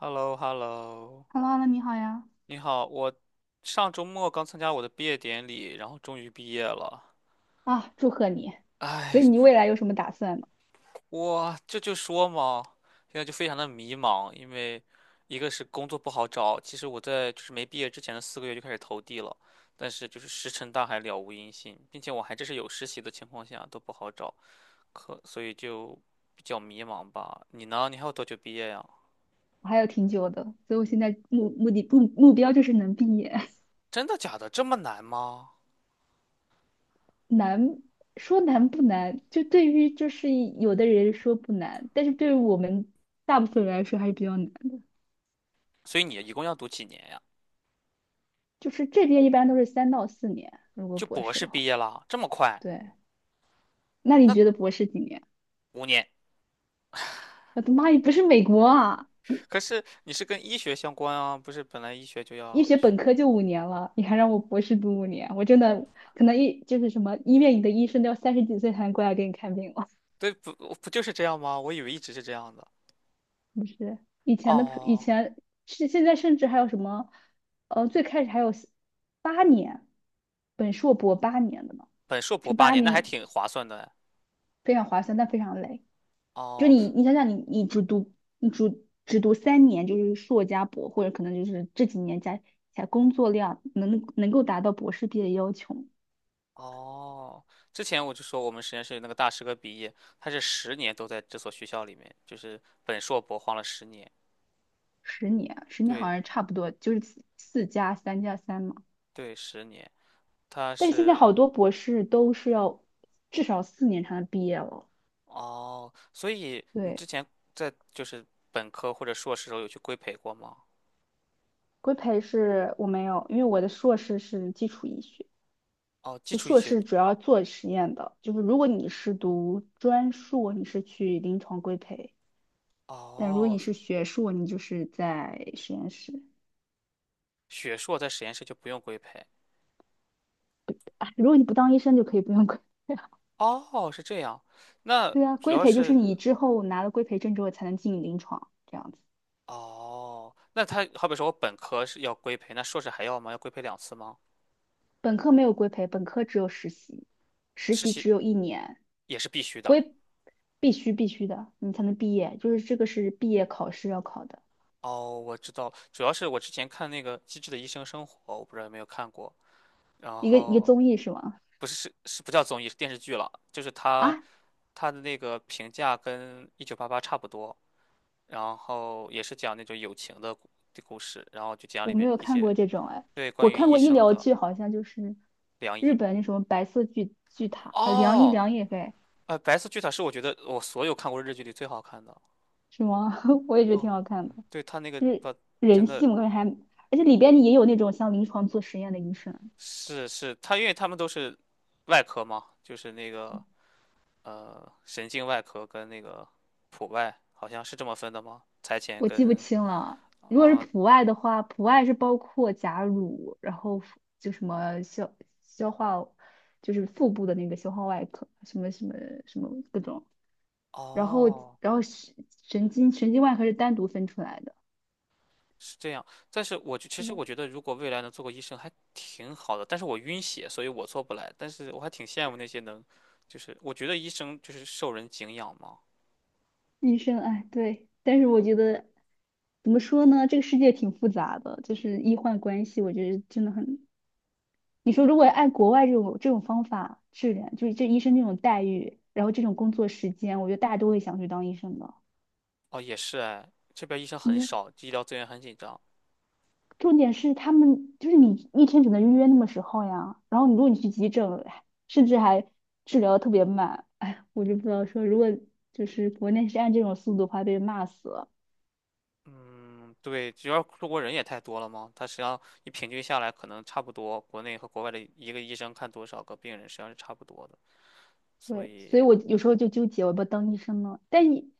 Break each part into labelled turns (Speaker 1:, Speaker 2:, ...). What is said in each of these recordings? Speaker 1: h e l l o h e l l o
Speaker 2: h e l l o h 你好呀！
Speaker 1: 你好，我上周末刚参加我的毕业典礼，然后终于毕业了。
Speaker 2: 啊，祝贺你！
Speaker 1: 哎，
Speaker 2: 所以你
Speaker 1: 不
Speaker 2: 未来有什么打算呢？
Speaker 1: 我这就说嘛，现在就非常的迷茫，因为一个是工作不好找，其实我在就是没毕业之前的四个月就开始投递了，但是就是石沉大海，了无音信，并且我还这是有实习的情况下都不好找，所以就比较迷茫吧。你呢？你还有多久毕业呀？
Speaker 2: 我还有挺久的，所以我现在目目的目目标就是能毕业。
Speaker 1: 真的假的？这么难吗？
Speaker 2: 难说难不难，对于有的人说不难，但是对于我们大部分人来说还是比较难的。
Speaker 1: 所以你一共要读几年呀？
Speaker 2: 就是这边一般都是三到四年，如果
Speaker 1: 就
Speaker 2: 博
Speaker 1: 博
Speaker 2: 士
Speaker 1: 士
Speaker 2: 的
Speaker 1: 毕
Speaker 2: 话。
Speaker 1: 业了，这么快？
Speaker 2: 对，那
Speaker 1: 那
Speaker 2: 你觉得博士几年？
Speaker 1: 五年？
Speaker 2: 我的妈呀，不是美国啊！
Speaker 1: 可是你是跟医学相关啊，不是本来医学就
Speaker 2: 医
Speaker 1: 要
Speaker 2: 学
Speaker 1: 学？
Speaker 2: 本科就五年了，你还让我博士读五年，我真的可能一就是什么医院里的医生都要三十几岁才能过来给你看病了。
Speaker 1: 对，不就是这样吗？我以为一直是这样的。
Speaker 2: 不是以前的以
Speaker 1: 哦，
Speaker 2: 前，是现在甚至还有什么，最开始还有八年，本硕博八年的嘛，
Speaker 1: 本硕博
Speaker 2: 就
Speaker 1: 八
Speaker 2: 八
Speaker 1: 年，那还
Speaker 2: 年
Speaker 1: 挺划算的哎。
Speaker 2: 非常划算，但非常累。就
Speaker 1: 哦
Speaker 2: 你想想你只读你只读三年，就是硕加博，或者可能就是这几年加起来工作量能够达到博士毕业要求。
Speaker 1: 哦，之前我就说我们实验室有那个大师哥毕业，他是十年都在这所学校里面，就是本硕博晃了十年。
Speaker 2: 十年，十年好
Speaker 1: 对
Speaker 2: 像差不多，就是四加三加三嘛。
Speaker 1: 对，十年，他
Speaker 2: 但是现在
Speaker 1: 是
Speaker 2: 好多博士都是要至少四年才能毕业了。
Speaker 1: 哦，所以你之
Speaker 2: 对，
Speaker 1: 前在就是本科或者硕士时候有去规培过吗？
Speaker 2: 规培是我没有，因为我的硕士是基础医学，
Speaker 1: 哦，基
Speaker 2: 就
Speaker 1: 础医
Speaker 2: 硕
Speaker 1: 学。
Speaker 2: 士主要做实验的。就是如果你是读专硕，你是去临床规培；但如果你
Speaker 1: 哦，
Speaker 2: 是学硕，你就是在实验室。
Speaker 1: 学硕在实验室就不用规培。
Speaker 2: 啊，如果你不当医生，就可以不用规。培。
Speaker 1: 哦，是这样。那
Speaker 2: 对啊，
Speaker 1: 主
Speaker 2: 规
Speaker 1: 要
Speaker 2: 培就是
Speaker 1: 是
Speaker 2: 你之后拿了规培证之后才能进临床，这样子。
Speaker 1: 哦，那他好比说我本科是要规培，那硕士还要吗？要规培两次吗？
Speaker 2: 本科没有规培，本科只有实习，实
Speaker 1: 实
Speaker 2: 习
Speaker 1: 习
Speaker 2: 只有一年，
Speaker 1: 也是必须的。
Speaker 2: 规必须的，你才能毕业，就是这个是毕业考试要考的
Speaker 1: 哦，我知道，主要是我之前看那个《机智的医生生活》，我不知道有没有看过。然
Speaker 2: 一个
Speaker 1: 后
Speaker 2: 综艺是吗？
Speaker 1: 不是是不叫综艺，是电视剧了，就是他
Speaker 2: 啊，
Speaker 1: 他的那个评价跟《一九八八》差不多，然后也是讲那种友情的故事，然后就讲
Speaker 2: 我
Speaker 1: 里
Speaker 2: 没
Speaker 1: 面
Speaker 2: 有
Speaker 1: 一
Speaker 2: 看
Speaker 1: 些
Speaker 2: 过这种哎，
Speaker 1: 对，
Speaker 2: 我
Speaker 1: 关于
Speaker 2: 看
Speaker 1: 医
Speaker 2: 过医
Speaker 1: 生
Speaker 2: 疗
Speaker 1: 的
Speaker 2: 剧，好像就是
Speaker 1: 良
Speaker 2: 日
Speaker 1: 医。
Speaker 2: 本那什么白色巨塔，啊，良医
Speaker 1: 哦，
Speaker 2: 良也妃
Speaker 1: 呃，白色巨塔是我觉得我所有看过日剧里最好看的。
Speaker 2: 是吗？我也觉得
Speaker 1: 哦，
Speaker 2: 挺好看的，
Speaker 1: 对，他那个
Speaker 2: 就是
Speaker 1: 把
Speaker 2: 人
Speaker 1: 真
Speaker 2: 性，
Speaker 1: 的
Speaker 2: 我感觉还，而且里边也有那种像临床做实验的医生，
Speaker 1: 是他，因为他们都是外科嘛，就是那个神经外科跟那个普外，好像是这么分的吗？财前
Speaker 2: 我记不
Speaker 1: 跟
Speaker 2: 清了。如果是
Speaker 1: 嗯
Speaker 2: 普外的话，普外是包括甲乳，然后腹就什么消化，就是腹部的那个消化外科，什么各种。然后
Speaker 1: 哦
Speaker 2: 然后神经外科是单独分出来的。
Speaker 1: 是这样，但是我就其实
Speaker 2: 对，
Speaker 1: 我觉得，如果未来能做个医生还挺好的，但是我晕血，所以我做不来。但是我还挺羡慕那些能，就是我觉得医生就是受人敬仰嘛。
Speaker 2: 医生，哎，对。但是我觉得怎么说呢，这个世界挺复杂的，就是医患关系，我觉得真的很，你说如果按国外这种方法治疗，就是这医生这种待遇，然后这种工作时间，我觉得大家都会想去当医生的。
Speaker 1: 哦，也是哎，这边医生很
Speaker 2: 你
Speaker 1: 少，医疗资源很紧张。
Speaker 2: 重点是他们就是你一天只能预约那么时候呀，然后如果你去急诊，哎甚至还治疗得特别慢，哎，我就不知道说如果就是国内是按这种速度的话，被人骂死了。
Speaker 1: 嗯，对，主要中国人也太多了嘛，他实际上你平均下来，可能差不多，国内和国外的一个医生看多少个病人，实际上是差不多的。所
Speaker 2: 对，
Speaker 1: 以，
Speaker 2: 所以我有时候就纠结，我要不要当医生呢？但你，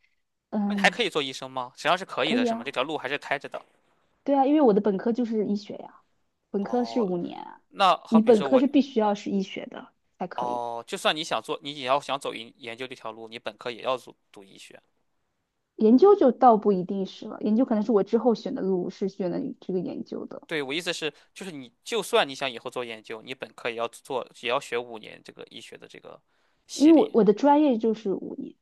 Speaker 1: 那你还
Speaker 2: 嗯，
Speaker 1: 可以做医生吗？实际上是可以
Speaker 2: 可
Speaker 1: 的，
Speaker 2: 以
Speaker 1: 是吗？这
Speaker 2: 啊，
Speaker 1: 条路还是开着的。
Speaker 2: 对啊，因为我的本科就是医学呀，本科是
Speaker 1: 哦，
Speaker 2: 五年啊。
Speaker 1: 那好
Speaker 2: 你
Speaker 1: 比
Speaker 2: 本
Speaker 1: 说
Speaker 2: 科
Speaker 1: 我。
Speaker 2: 是必须要是医学的才可以，
Speaker 1: 哦，就算你想做，你也要想走研究这条路，你本科也要读读医学。
Speaker 2: 研究就倒不一定是了，研究可能是我之后选的路是选的这个研究的，
Speaker 1: 对，我意思是，就是你就算你想以后做研究，你本科也要做，也要学五年这个医学的这个
Speaker 2: 因
Speaker 1: 系
Speaker 2: 为我
Speaker 1: 列。
Speaker 2: 我的专业就是五年，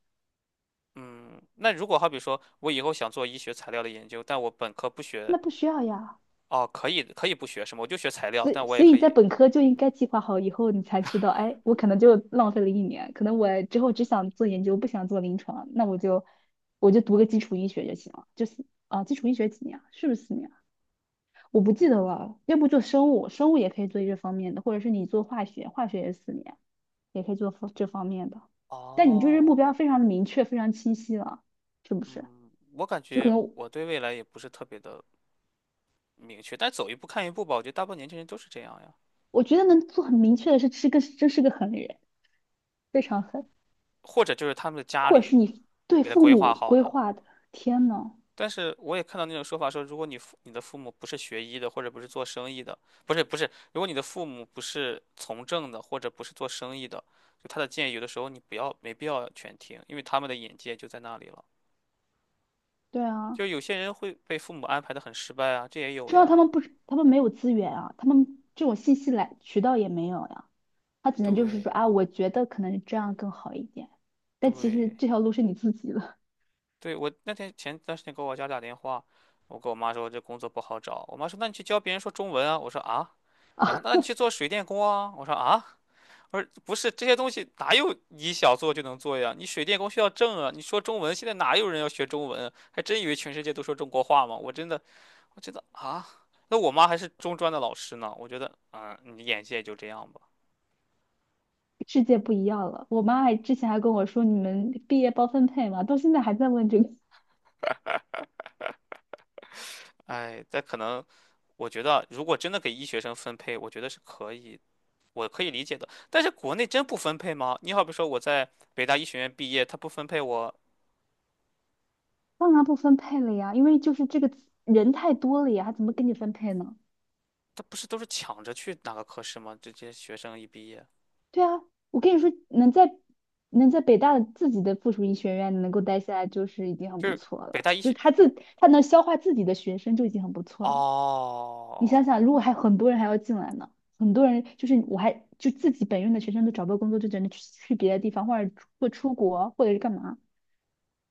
Speaker 1: 嗯，那如果好比说我以后想做医学材料的研究，但我本科不学，
Speaker 2: 那不需要呀，
Speaker 1: 哦，可以可以不学什么，我就学材料，
Speaker 2: 所
Speaker 1: 但
Speaker 2: 以
Speaker 1: 我也
Speaker 2: 所以
Speaker 1: 可
Speaker 2: 你在
Speaker 1: 以。
Speaker 2: 本科就应该计划好以后，你才知道，哎，我可能就浪费了一年，可能我之后只想做研究，不想做临床，那我就读个基础医学就行了，就是啊，基础医学几年啊？是不是四年啊？我不记得了，要不做生物，生物也可以做这方面的，或者是你做化学，化学也是四年，也可以做方这方面的。但你就是
Speaker 1: 哦，
Speaker 2: 目标非常的明确，非常清晰了，是不是？
Speaker 1: 嗯，我感
Speaker 2: 就可
Speaker 1: 觉
Speaker 2: 能
Speaker 1: 我对未来也不是特别的明确，但走一步看一步吧。我觉得大部分年轻人都是这样呀，
Speaker 2: 我觉得能做很明确的是，是个真是个狠人，非常狠，
Speaker 1: 或者就是他们的家
Speaker 2: 或者
Speaker 1: 里
Speaker 2: 是你对
Speaker 1: 给他
Speaker 2: 父
Speaker 1: 规划
Speaker 2: 母
Speaker 1: 好
Speaker 2: 规
Speaker 1: 的。
Speaker 2: 划的。天呐，
Speaker 1: 但是我也看到那种说法说，如果你的父母不是学医的，或者不是做生意的，不是不是，如果你的父母不是从政的，或者不是做生意的，就他的建议有的时候你不要没必要全听，因为他们的眼界就在那里了。
Speaker 2: 对啊，
Speaker 1: 就有些人会被父母安排的很失败啊，这也有
Speaker 2: 说到他
Speaker 1: 呀。
Speaker 2: 们不，他们没有资源啊，他们这种信息来渠道也没有呀，他只能就是说啊，
Speaker 1: 对
Speaker 2: 我觉得可能这样更好一点，但其实
Speaker 1: 对
Speaker 2: 这条路是你自己的。
Speaker 1: 对，我那天前段时间给我家打电话，我跟我妈说这工作不好找，我妈说那你去教别人说中文啊，我说啊，然后
Speaker 2: 啊。
Speaker 1: 那你去做水电工啊，我说啊。而不是这些东西哪有你想做就能做呀？你水电工需要证啊！你说中文，现在哪有人要学中文？还真以为全世界都说中国话吗？我真的，我觉得啊，那我妈还是中专的老师呢。我觉得，嗯，你眼界就这样吧。
Speaker 2: 世界不一样了。我妈还之前还跟我说，你们毕业包分配吗？到现在还在问这个。
Speaker 1: 哎，但可能，我觉得啊如果真的给医学生分配，我觉得是可以，我可以理解的。但是国内真不分配吗？你好比说我在北大医学院毕业，他不分配我，
Speaker 2: 当然不分配了呀，因为就是这个人太多了呀，还怎么给你分配呢？
Speaker 1: 他不是都是抢着去哪个科室吗？这这些学生一毕业，
Speaker 2: 对啊，我跟你说，能在北大的自己的附属医学院能够待下来，就是已经很
Speaker 1: 就
Speaker 2: 不
Speaker 1: 是
Speaker 2: 错
Speaker 1: 北
Speaker 2: 了。
Speaker 1: 大医
Speaker 2: 就是
Speaker 1: 学。
Speaker 2: 他自他能消化自己的学生就已经很不错了。你想
Speaker 1: 哦
Speaker 2: 想，如果还很多人还要进来呢，很多人就是我还就自己本院的学生都找不到工作，就只能去别的地方，或者或出国，或者是干嘛。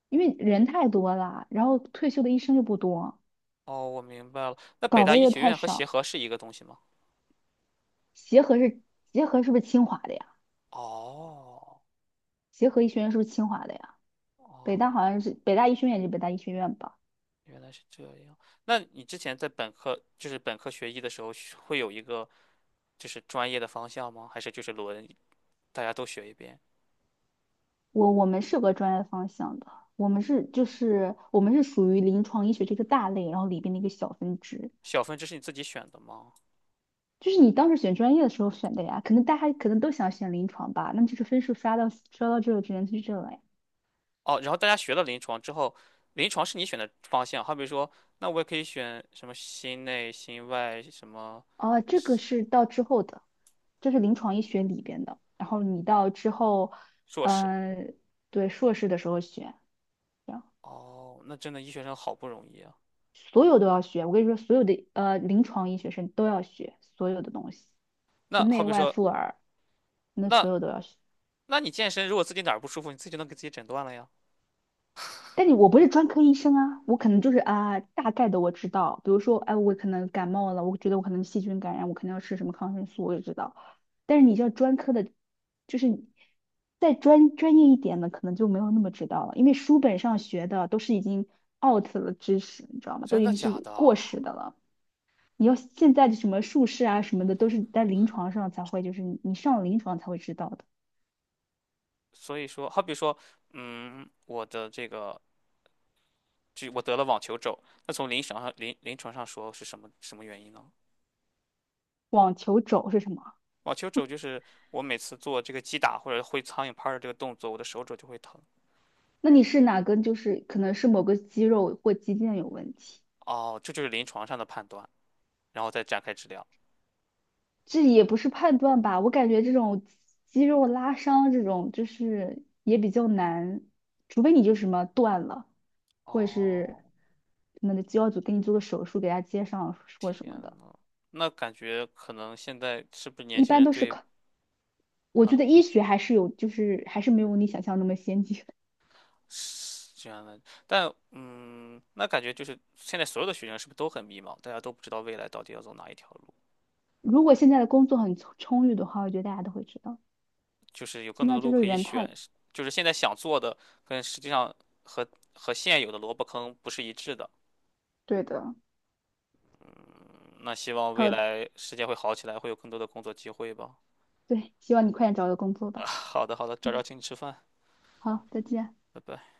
Speaker 2: 因为人太多了，然后退休的医生又不多，
Speaker 1: 哦，我明白了。那北
Speaker 2: 岗
Speaker 1: 大
Speaker 2: 位
Speaker 1: 医
Speaker 2: 又
Speaker 1: 学
Speaker 2: 太
Speaker 1: 院和协
Speaker 2: 少。
Speaker 1: 和是一个东西吗？
Speaker 2: 协和是不是清华的呀？
Speaker 1: 哦
Speaker 2: 协和医学院是不是清华的呀？北
Speaker 1: 哦，
Speaker 2: 大好像是北大医学院，就北大医学院吧？
Speaker 1: 原来是这样。那你之前在本科，就是本科学医的时候，学会有一个就是专业的方向吗？还是就是轮大家都学一遍？
Speaker 2: 我们是有个专业方向的，我们是属于临床医学这个大类，然后里边的一个小分支。
Speaker 1: 小分支是你自己选的吗？
Speaker 2: 就是你当时选专业的时候选的呀，可能大家可能都想选临床吧，那就是分数刷到这个只能去这了呀。
Speaker 1: 哦，然后大家学了临床之后，临床是你选的方向。好比说，那我也可以选什么心内、心外什么
Speaker 2: 哦，这个是到之后的，这是临床医学里边的。然后你到之后，
Speaker 1: 硕士。
Speaker 2: 嗯、对，硕士的时候学，这样
Speaker 1: 哦，那真的医学生好不容易啊。
Speaker 2: 所有都要学。我跟你说，所有的临床医学生都要学所有的东西，就
Speaker 1: 那好
Speaker 2: 内
Speaker 1: 比
Speaker 2: 外
Speaker 1: 说，
Speaker 2: 妇儿，那所
Speaker 1: 那
Speaker 2: 有都要学。
Speaker 1: 那你健身，如果自己哪儿不舒服，你自己就能给自己诊断了呀？
Speaker 2: 但你我不是专科医生啊，我可能就是啊，大概的我知道，比如说，哎，我可能感冒了，我觉得我可能细菌感染，我肯定要吃什么抗生素，我也知道。但是你像专科的，就是你再专业一点的，可能就没有那么知道了，因为书本上学的都是已经 out 了知识，你知道吗？都
Speaker 1: 真
Speaker 2: 已
Speaker 1: 的
Speaker 2: 经
Speaker 1: 假
Speaker 2: 是
Speaker 1: 的？
Speaker 2: 过时的了。你要现在的什么术士啊什么的，都是在临床上才会，就是你上了临床才会知道的。
Speaker 1: 所以说，好比说，嗯，我的这个，就我得了网球肘，那从临床上临床上说是什么什么原因呢？
Speaker 2: 网球肘是什么？
Speaker 1: 网球肘就是我每次做这个击打或者挥苍蝇拍儿的这个动作，我的手肘就会疼。
Speaker 2: 那你是哪根？就是可能是某个肌肉或肌腱有问题，
Speaker 1: 哦，这就是临床上的判断，然后再展开治疗。
Speaker 2: 这也不是判断吧？我感觉这种肌肉拉伤这种就是也比较难，除非你就什么断了，或者是
Speaker 1: 哦，
Speaker 2: 可能的肌肉组给你做个手术，给他接上或什
Speaker 1: 天
Speaker 2: 么的，
Speaker 1: 呐，那感觉可能现在是不是年
Speaker 2: 一
Speaker 1: 轻
Speaker 2: 般
Speaker 1: 人
Speaker 2: 都是
Speaker 1: 对，
Speaker 2: 靠。我觉得
Speaker 1: 嗯
Speaker 2: 医学还是有，就是还是没有你想象那么先进。
Speaker 1: 是这样的，但嗯，那感觉就是现在所有的学生是不是都很迷茫？大家都不知道未来到底要走哪一条路，
Speaker 2: 如果现在的工作很充裕的话，我觉得大家都会知道。
Speaker 1: 就是有更
Speaker 2: 现
Speaker 1: 多
Speaker 2: 在
Speaker 1: 的
Speaker 2: 就
Speaker 1: 路
Speaker 2: 是
Speaker 1: 可以
Speaker 2: 人太，
Speaker 1: 选，是就是现在想做的跟实际上和和现有的萝卜坑不是一致的。
Speaker 2: 对的，
Speaker 1: 嗯那希望未
Speaker 2: 好，
Speaker 1: 来世界会好起来，会有更多的工作机会吧。
Speaker 2: 对，希望你快点找个工作
Speaker 1: 啊，
Speaker 2: 吧。
Speaker 1: 好的好的，找请你吃饭，
Speaker 2: 好，再见。
Speaker 1: 拜拜。